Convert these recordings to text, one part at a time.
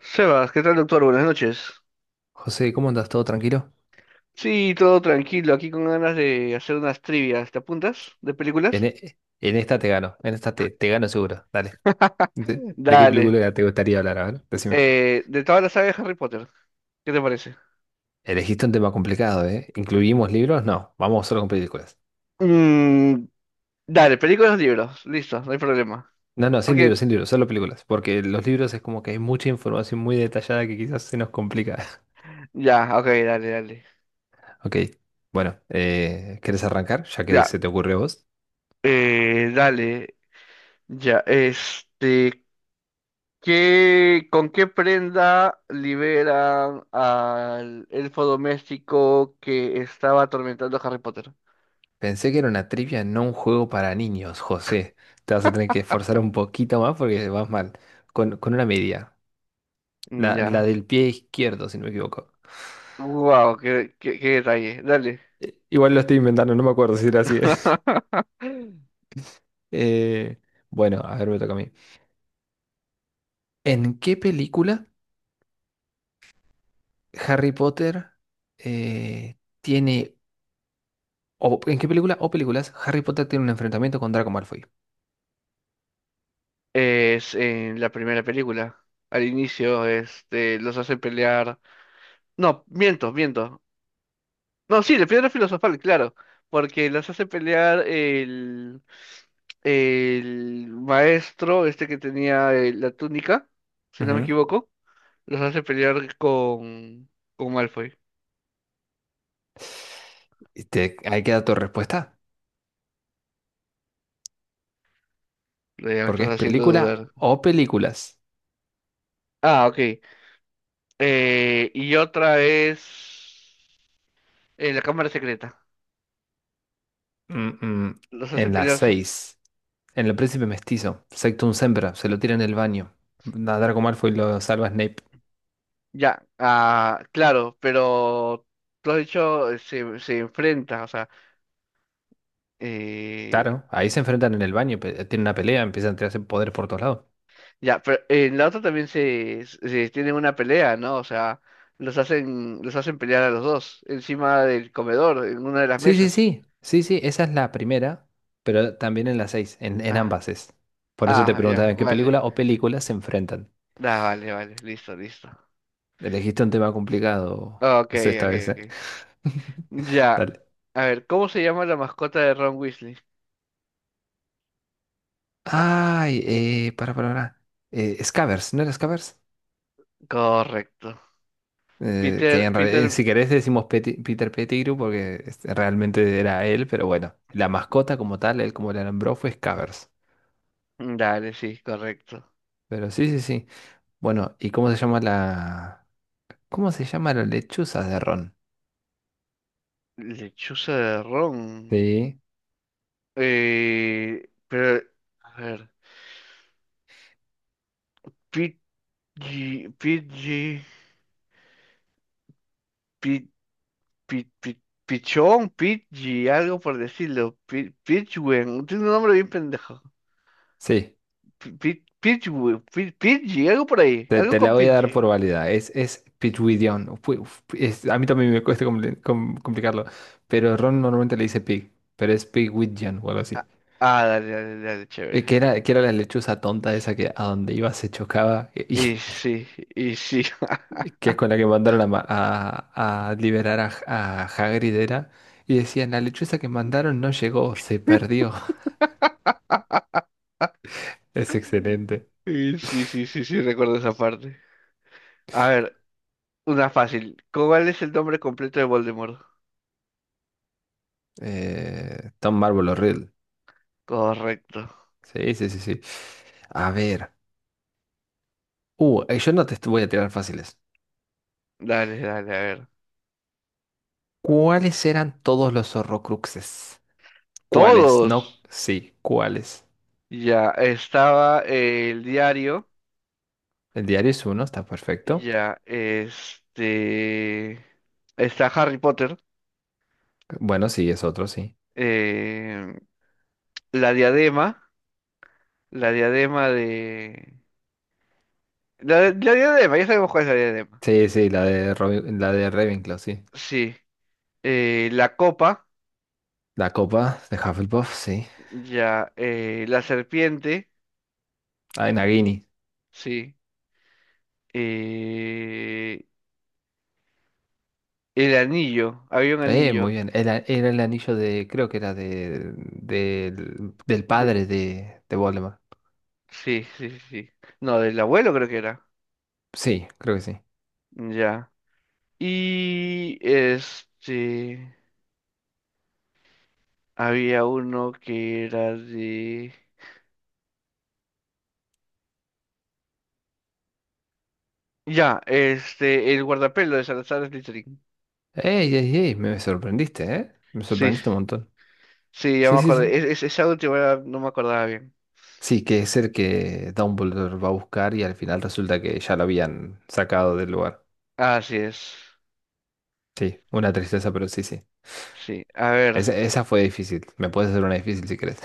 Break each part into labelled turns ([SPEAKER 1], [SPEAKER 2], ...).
[SPEAKER 1] Sebas, ¿qué tal, doctor? Buenas noches.
[SPEAKER 2] José, ¿cómo andas? ¿Todo tranquilo?
[SPEAKER 1] Sí, todo tranquilo, aquí con ganas de hacer unas trivias. ¿Te apuntas? ¿De
[SPEAKER 2] En,
[SPEAKER 1] películas?
[SPEAKER 2] e- en esta te gano, en esta te gano seguro. Dale. ¿De, de qué
[SPEAKER 1] Dale.
[SPEAKER 2] película te gustaría hablar? A ver, decime.
[SPEAKER 1] De toda la saga de Harry Potter, ¿qué te parece?
[SPEAKER 2] Elegiste un tema complicado, ¿eh? ¿Incluimos libros? No, vamos solo con películas.
[SPEAKER 1] Mm, dale, películas o libros. Listo, no hay problema.
[SPEAKER 2] No, no, sin
[SPEAKER 1] Porque,
[SPEAKER 2] libros, sin libros, solo películas. Porque los libros es como que hay mucha información muy detallada que quizás se nos complica.
[SPEAKER 1] ya, ok, dale, dale.
[SPEAKER 2] Ok, bueno, ¿querés arrancar? Ya que
[SPEAKER 1] Ya,
[SPEAKER 2] se te ocurre a vos.
[SPEAKER 1] Dale. Ya, este, ¿ con qué prenda liberan al elfo doméstico que estaba atormentando a Harry Potter?
[SPEAKER 2] Pensé que era una trivia, no un juego para niños, José. Te vas a tener que esforzar un poquito más porque vas mal. Con una media.
[SPEAKER 1] Mm.
[SPEAKER 2] La
[SPEAKER 1] Ya.
[SPEAKER 2] del pie izquierdo, si no me equivoco.
[SPEAKER 1] Wow, qué detalle. Dale.
[SPEAKER 2] Igual lo estoy inventando, no me acuerdo si era así. Eh, bueno, a ver, me toca a mí. ¿En qué película Harry Potter eh, tiene... o en qué película o películas Harry Potter tiene un enfrentamiento con Draco Malfoy?
[SPEAKER 1] Es en la primera película. Al inicio, los hace pelear. No, miento. No, sí, la piedra filosofal, claro. Porque los hace pelear El maestro, que tenía la túnica, si no me
[SPEAKER 2] Ujú.
[SPEAKER 1] equivoco. Los hace pelear con Malfoy.
[SPEAKER 2] Ahí queda tu respuesta,
[SPEAKER 1] Ya me
[SPEAKER 2] porque
[SPEAKER 1] estás
[SPEAKER 2] es
[SPEAKER 1] haciendo
[SPEAKER 2] película
[SPEAKER 1] dudar.
[SPEAKER 2] o películas.
[SPEAKER 1] Ah, ok. Y otra es. La cámara secreta.
[SPEAKER 2] Mm, mm.
[SPEAKER 1] Los hace
[SPEAKER 2] En la
[SPEAKER 1] pelear.
[SPEAKER 2] 6 en El Príncipe Mestizo, Sectum Sempra, se lo tira en el baño. A Draco Malfoy lo salva Snape.
[SPEAKER 1] Ya, ah, claro, pero tú has dicho se enfrenta, o sea, eh,
[SPEAKER 2] Claro, ahí se enfrentan en el baño, tienen una pelea, empiezan a tirarse poder por todos lados.
[SPEAKER 1] ya, pero en la otra también se tienen una pelea, ¿no? O sea, los hacen pelear a los dos, encima del comedor, en una de las
[SPEAKER 2] Sí, sí,
[SPEAKER 1] mesas.
[SPEAKER 2] sí, sí, sí, esa es la primera, pero también en la seis, en
[SPEAKER 1] Ah.
[SPEAKER 2] ambas es. Por eso te
[SPEAKER 1] Ah, ya,
[SPEAKER 2] preguntaba en qué
[SPEAKER 1] vale.
[SPEAKER 2] película o películas se enfrentan.
[SPEAKER 1] Ah, vale, vale, listo, listo.
[SPEAKER 2] Elegiste un tema complicado,
[SPEAKER 1] Ok,
[SPEAKER 2] José, esta
[SPEAKER 1] ok,
[SPEAKER 2] vez, ¿eh?
[SPEAKER 1] ok. Ya.
[SPEAKER 2] Dale.
[SPEAKER 1] A ver, ¿cómo se llama la mascota de Ron Weasley?
[SPEAKER 2] Ay, para, para. Scavers, ¿no era Scavers?
[SPEAKER 1] Correcto.
[SPEAKER 2] Que
[SPEAKER 1] Peter,
[SPEAKER 2] en realidad,
[SPEAKER 1] Peter,
[SPEAKER 2] si querés decimos Peter Pettigrew porque este, realmente era él, pero bueno, la mascota como tal, él como le nombró fue Scavers.
[SPEAKER 1] Dale, sí, correcto.
[SPEAKER 2] Pero sí, sí, sí. Bueno, ¿y cómo se llama la... ¿Cómo se llama la lechuza de ron?
[SPEAKER 1] Lechuza de ron.
[SPEAKER 2] Sí,
[SPEAKER 1] Eh, pero, a ver. Pidgey, Pidgey, Pid, Pid, Pid- Pichón, Pidgey, algo por decirlo. Pidgewen, tiene un nombre bien pendejo.
[SPEAKER 2] sí.
[SPEAKER 1] Pidgewen, Pidgey, algo por ahí,
[SPEAKER 2] Te,
[SPEAKER 1] algo
[SPEAKER 2] te
[SPEAKER 1] con
[SPEAKER 2] la voy a dar
[SPEAKER 1] Pidgey.
[SPEAKER 2] por válida. Es Pigwiddion. A mí también me cuesta complicarlo. Pero ron normalmente le dice pig. Pero es Pigwiddion o algo así.
[SPEAKER 1] Ah, ah, dale,
[SPEAKER 2] Eh,
[SPEAKER 1] chévere.
[SPEAKER 2] Que era, que era la lechuza tonta esa que a donde iba se chocaba.
[SPEAKER 1] Y sí, y sí.
[SPEAKER 2] Que es con la que mandaron a liberar a Hagrid era. Y decían, la lechuza que mandaron no llegó, se perdió. Es excelente.
[SPEAKER 1] Y, sí, sí, sí, sí, recuerdo esa parte. A ver, una fácil. ¿Cuál es el nombre completo de Voldemort?
[SPEAKER 2] Tom Marvolo Riddle.
[SPEAKER 1] Correcto.
[SPEAKER 2] Sí, sí, sí, sí. A ver. Yo no te est- Voy a tirar fáciles.
[SPEAKER 1] Dale, dale, a ver.
[SPEAKER 2] ¿Cuáles eran todos los Horrocruxes? ¿Cuáles?
[SPEAKER 1] Todos.
[SPEAKER 2] No, sí, ¿cuáles?
[SPEAKER 1] Ya estaba el diario.
[SPEAKER 2] El diario es uno, está perfecto.
[SPEAKER 1] Ya, este. Está Harry Potter.
[SPEAKER 2] Bueno, sí, es otro, sí.
[SPEAKER 1] eh, la diadema. La diadema de. La diadema, ya sabemos cuál es la diadema.
[SPEAKER 2] Sí, sí, la de Ravenclaw, sí.
[SPEAKER 1] Sí. La copa.
[SPEAKER 2] La copa de Hufflepuff, sí.
[SPEAKER 1] Ya. La serpiente.
[SPEAKER 2] Ah, Nagini.
[SPEAKER 1] Sí. eh, el anillo. Había un
[SPEAKER 2] Muy
[SPEAKER 1] anillo.
[SPEAKER 2] bien. Era el anillo de, creo que era de, del
[SPEAKER 1] De-
[SPEAKER 2] padre de Voldemort.
[SPEAKER 1] sí, sí. No, del abuelo creo que era.
[SPEAKER 2] Sí, creo que sí.
[SPEAKER 1] Ya. Y este, Había uno que era de... El guardapelo de Salazar Slytherin.
[SPEAKER 2] ¡Ey, ey, ey! Me sorprendiste, ¿eh? Me
[SPEAKER 1] Sí,
[SPEAKER 2] sorprendiste un montón.
[SPEAKER 1] sí, ya
[SPEAKER 2] Sí,
[SPEAKER 1] me
[SPEAKER 2] sí,
[SPEAKER 1] acordé.
[SPEAKER 2] sí.
[SPEAKER 1] Esa última no me acordaba bien.
[SPEAKER 2] Sí, que es el que Dumbledore va a buscar y al final resulta que ya lo habían sacado del lugar.
[SPEAKER 1] Así es.
[SPEAKER 2] Sí, una tristeza, pero sí, sí.
[SPEAKER 1] Sí, a ver,
[SPEAKER 2] Esa fue difícil. Me puedes hacer una difícil si querés.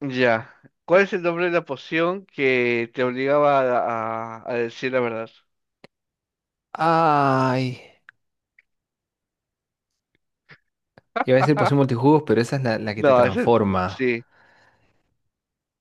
[SPEAKER 1] ya. ¿Cuál es el nombre de la poción que te obligaba a, a decir la verdad?
[SPEAKER 2] Ay, iba a decir poción multijugos, pero esa es la que te
[SPEAKER 1] No, ese,
[SPEAKER 2] transforma.
[SPEAKER 1] sí,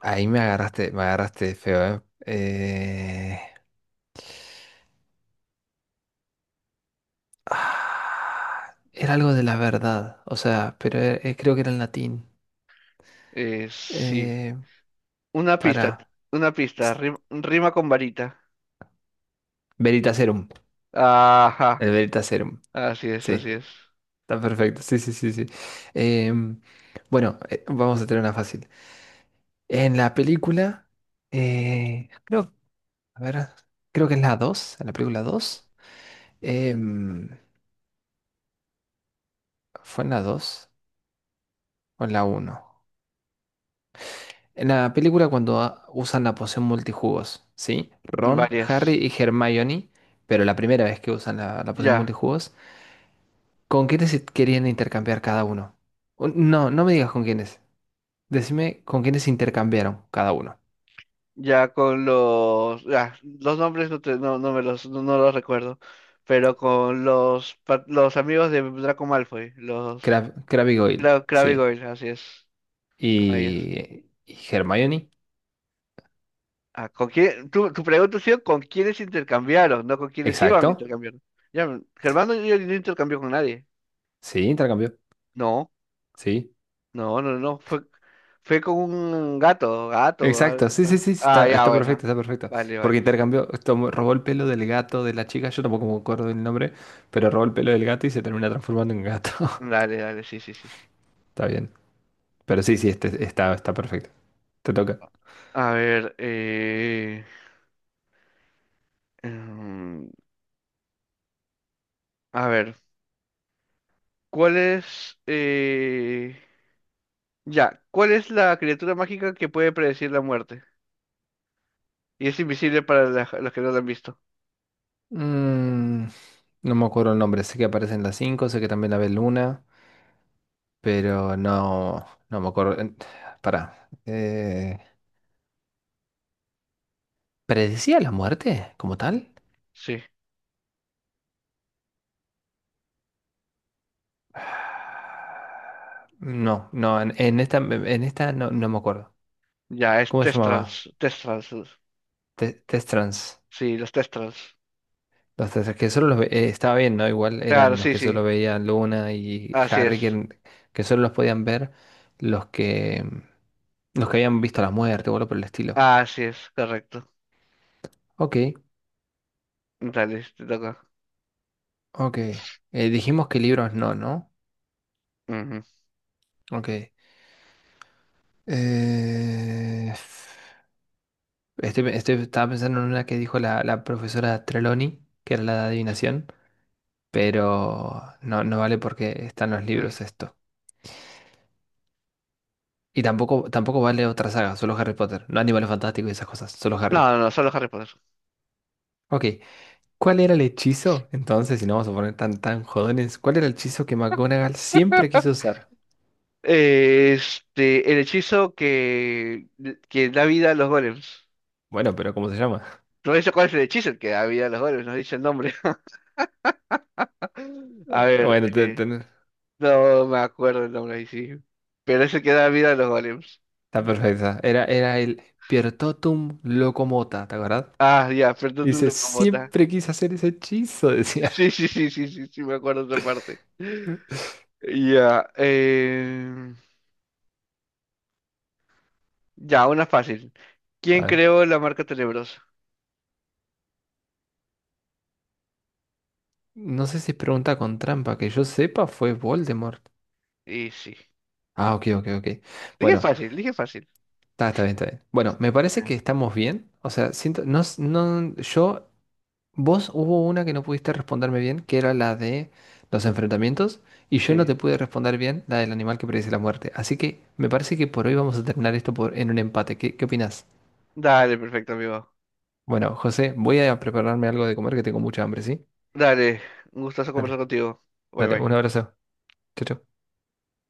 [SPEAKER 2] Ahí me agarraste feo, ¿eh? Eh, era algo de la verdad, o sea, pero creo que era en latín.
[SPEAKER 1] sí.
[SPEAKER 2] Eh,
[SPEAKER 1] Una pista,
[SPEAKER 2] Para.
[SPEAKER 1] una pista, rima con varita.
[SPEAKER 2] Veritaserum.
[SPEAKER 1] Ajá,
[SPEAKER 2] El Veritaserum.
[SPEAKER 1] así es,
[SPEAKER 2] Sí,
[SPEAKER 1] así es.
[SPEAKER 2] está perfecto. Sí, sí, sí, sí. Em, bueno, vamos a tener una fácil. En la película, creo, a ver, creo que es la 2 en la película 2 em, ¿fue en la dos o en la uno? En la película cuando usan la poción multijugos, ¿sí? Ron, Harry
[SPEAKER 1] Varias.
[SPEAKER 2] y Hermione, pero la primera vez que usan la poción
[SPEAKER 1] Ya,
[SPEAKER 2] multijugos, ¿con quiénes se querían intercambiar cada uno? No, no me digas con quiénes. Decime con quiénes se intercambiaron cada uno.
[SPEAKER 1] los nombres no, no, no me los, no, no los recuerdo, pero con los, los amigos de Draco Malfoy, los
[SPEAKER 2] Crab y Goyle,
[SPEAKER 1] Crabbe y
[SPEAKER 2] sí.
[SPEAKER 1] Goyle, así es, con ellos.
[SPEAKER 2] Y Hermione,
[SPEAKER 1] Ah, ¿con quién? Tu pregunta ha sido con quiénes intercambiaron, no con quiénes iban a
[SPEAKER 2] exacto.
[SPEAKER 1] intercambiar. Ya, Germán no, yo no intercambió con nadie.
[SPEAKER 2] Sí, intercambió,
[SPEAKER 1] No.
[SPEAKER 2] sí.
[SPEAKER 1] No, no, no, fue con un gato, o
[SPEAKER 2] Exacto,
[SPEAKER 1] algo.
[SPEAKER 2] sí, sí, sí,
[SPEAKER 1] Ah,
[SPEAKER 2] está,
[SPEAKER 1] ya,
[SPEAKER 2] está
[SPEAKER 1] bueno.
[SPEAKER 2] perfecto, está perfecto.
[SPEAKER 1] Vale,
[SPEAKER 2] Porque
[SPEAKER 1] vale.
[SPEAKER 2] intercambió, robó el pelo del gato de la chica, yo tampoco me acuerdo del nombre, pero robó el pelo del gato y se termina transformando en gato.
[SPEAKER 1] Dale, dale, sí, sí, sí.
[SPEAKER 2] Está bien. Pero sí, sí, este, está perfecto. Te toca.
[SPEAKER 1] A ver, em, a ver, ¿cuál es, eh, ya, ¿Cuál es la criatura mágica que puede predecir la muerte? Y es invisible para los que no la han visto.
[SPEAKER 2] Mm, no me acuerdo el nombre, sé que aparecen las 5, sé que también la ve Luna, pero no, no me acuerdo. Pará. ¿Predecía la muerte como tal?
[SPEAKER 1] Sí,
[SPEAKER 2] No, no, en esta no, no me acuerdo.
[SPEAKER 1] ya,
[SPEAKER 2] ¿Cómo se llamaba?
[SPEAKER 1] Testrals,
[SPEAKER 2] Test Trans.
[SPEAKER 1] sí, los Testrals.
[SPEAKER 2] Los test que solo los estaba bien, ¿no? Igual
[SPEAKER 1] Claro,
[SPEAKER 2] eran los
[SPEAKER 1] sí, ok.
[SPEAKER 2] que
[SPEAKER 1] Sí,
[SPEAKER 2] solo veían Luna y
[SPEAKER 1] así
[SPEAKER 2] Harry, que,
[SPEAKER 1] es,
[SPEAKER 2] en- que solo los podían ver los que, los que habían visto la muerte o algo por el estilo.
[SPEAKER 1] así es, correcto.
[SPEAKER 2] Ok.
[SPEAKER 1] Dale, te toca.
[SPEAKER 2] Ok. Dijimos que libros no, ¿no?
[SPEAKER 1] Ujú.
[SPEAKER 2] Ok. Eh, Estaba pensando en una que dijo la profesora Trelawney, que era la de adivinación, pero no, no vale porque están los libros esto. Y tampoco, tampoco vale otra saga, solo Harry Potter, no Animales Fantásticos y esas cosas, solo
[SPEAKER 1] No,
[SPEAKER 2] Harry.
[SPEAKER 1] no, no, solo Harry Potter.
[SPEAKER 2] Ok. ¿Cuál era el hechizo? Entonces, si no vamos a poner tan, tan jodones, ¿cuál era el hechizo que McGonagall siempre quiso usar?
[SPEAKER 1] El hechizo que da vida a los golems.
[SPEAKER 2] Bueno, pero ¿cómo se llama?
[SPEAKER 1] No dice cuál es el hechizo el que da vida a los golems, no dice el nombre. A ver,
[SPEAKER 2] Bueno,
[SPEAKER 1] eh, no me acuerdo el nombre ahí sí. Pero es el que da vida a los golems.
[SPEAKER 2] está perfecta. Era el Piertotum Locomota, ¿te acuerdas?
[SPEAKER 1] Ah, ya,
[SPEAKER 2] Y
[SPEAKER 1] perdón un
[SPEAKER 2] dice,
[SPEAKER 1] locomota.
[SPEAKER 2] siempre quise hacer ese hechizo, decía.
[SPEAKER 1] Sí, sí, sí, sí, sí, sí, me acuerdo de esa parte. Ya, eh, ya, una fácil.
[SPEAKER 2] A
[SPEAKER 1] ¿Quién
[SPEAKER 2] ver,
[SPEAKER 1] creó la marca Tenebrosa?
[SPEAKER 2] no sé si es pregunta con trampa, que yo sepa fue Voldemort.
[SPEAKER 1] Y sí.
[SPEAKER 2] Ah, ok, ok, ok.
[SPEAKER 1] Dije
[SPEAKER 2] Bueno,
[SPEAKER 1] fácil, dije fácil.
[SPEAKER 2] está bien, está bien. Bueno, me parece
[SPEAKER 1] Ah.
[SPEAKER 2] que estamos bien. O sea, siento, no, no, yo, vos hubo una que no pudiste responderme bien, que era la de los enfrentamientos, y yo no te
[SPEAKER 1] Sí.
[SPEAKER 2] pude responder bien la del animal que predice la muerte. Así que me parece que por hoy vamos a terminar esto en un empate. ¿Qué opinás?
[SPEAKER 1] Dale, perfecto, amigo.
[SPEAKER 2] Bueno, José, voy a prepararme algo de comer que tengo mucha hambre, ¿sí?
[SPEAKER 1] Dale, un gustazo conversar
[SPEAKER 2] Dale,
[SPEAKER 1] contigo. Bye
[SPEAKER 2] dale, un
[SPEAKER 1] bye.
[SPEAKER 2] abrazo. Chau, chau.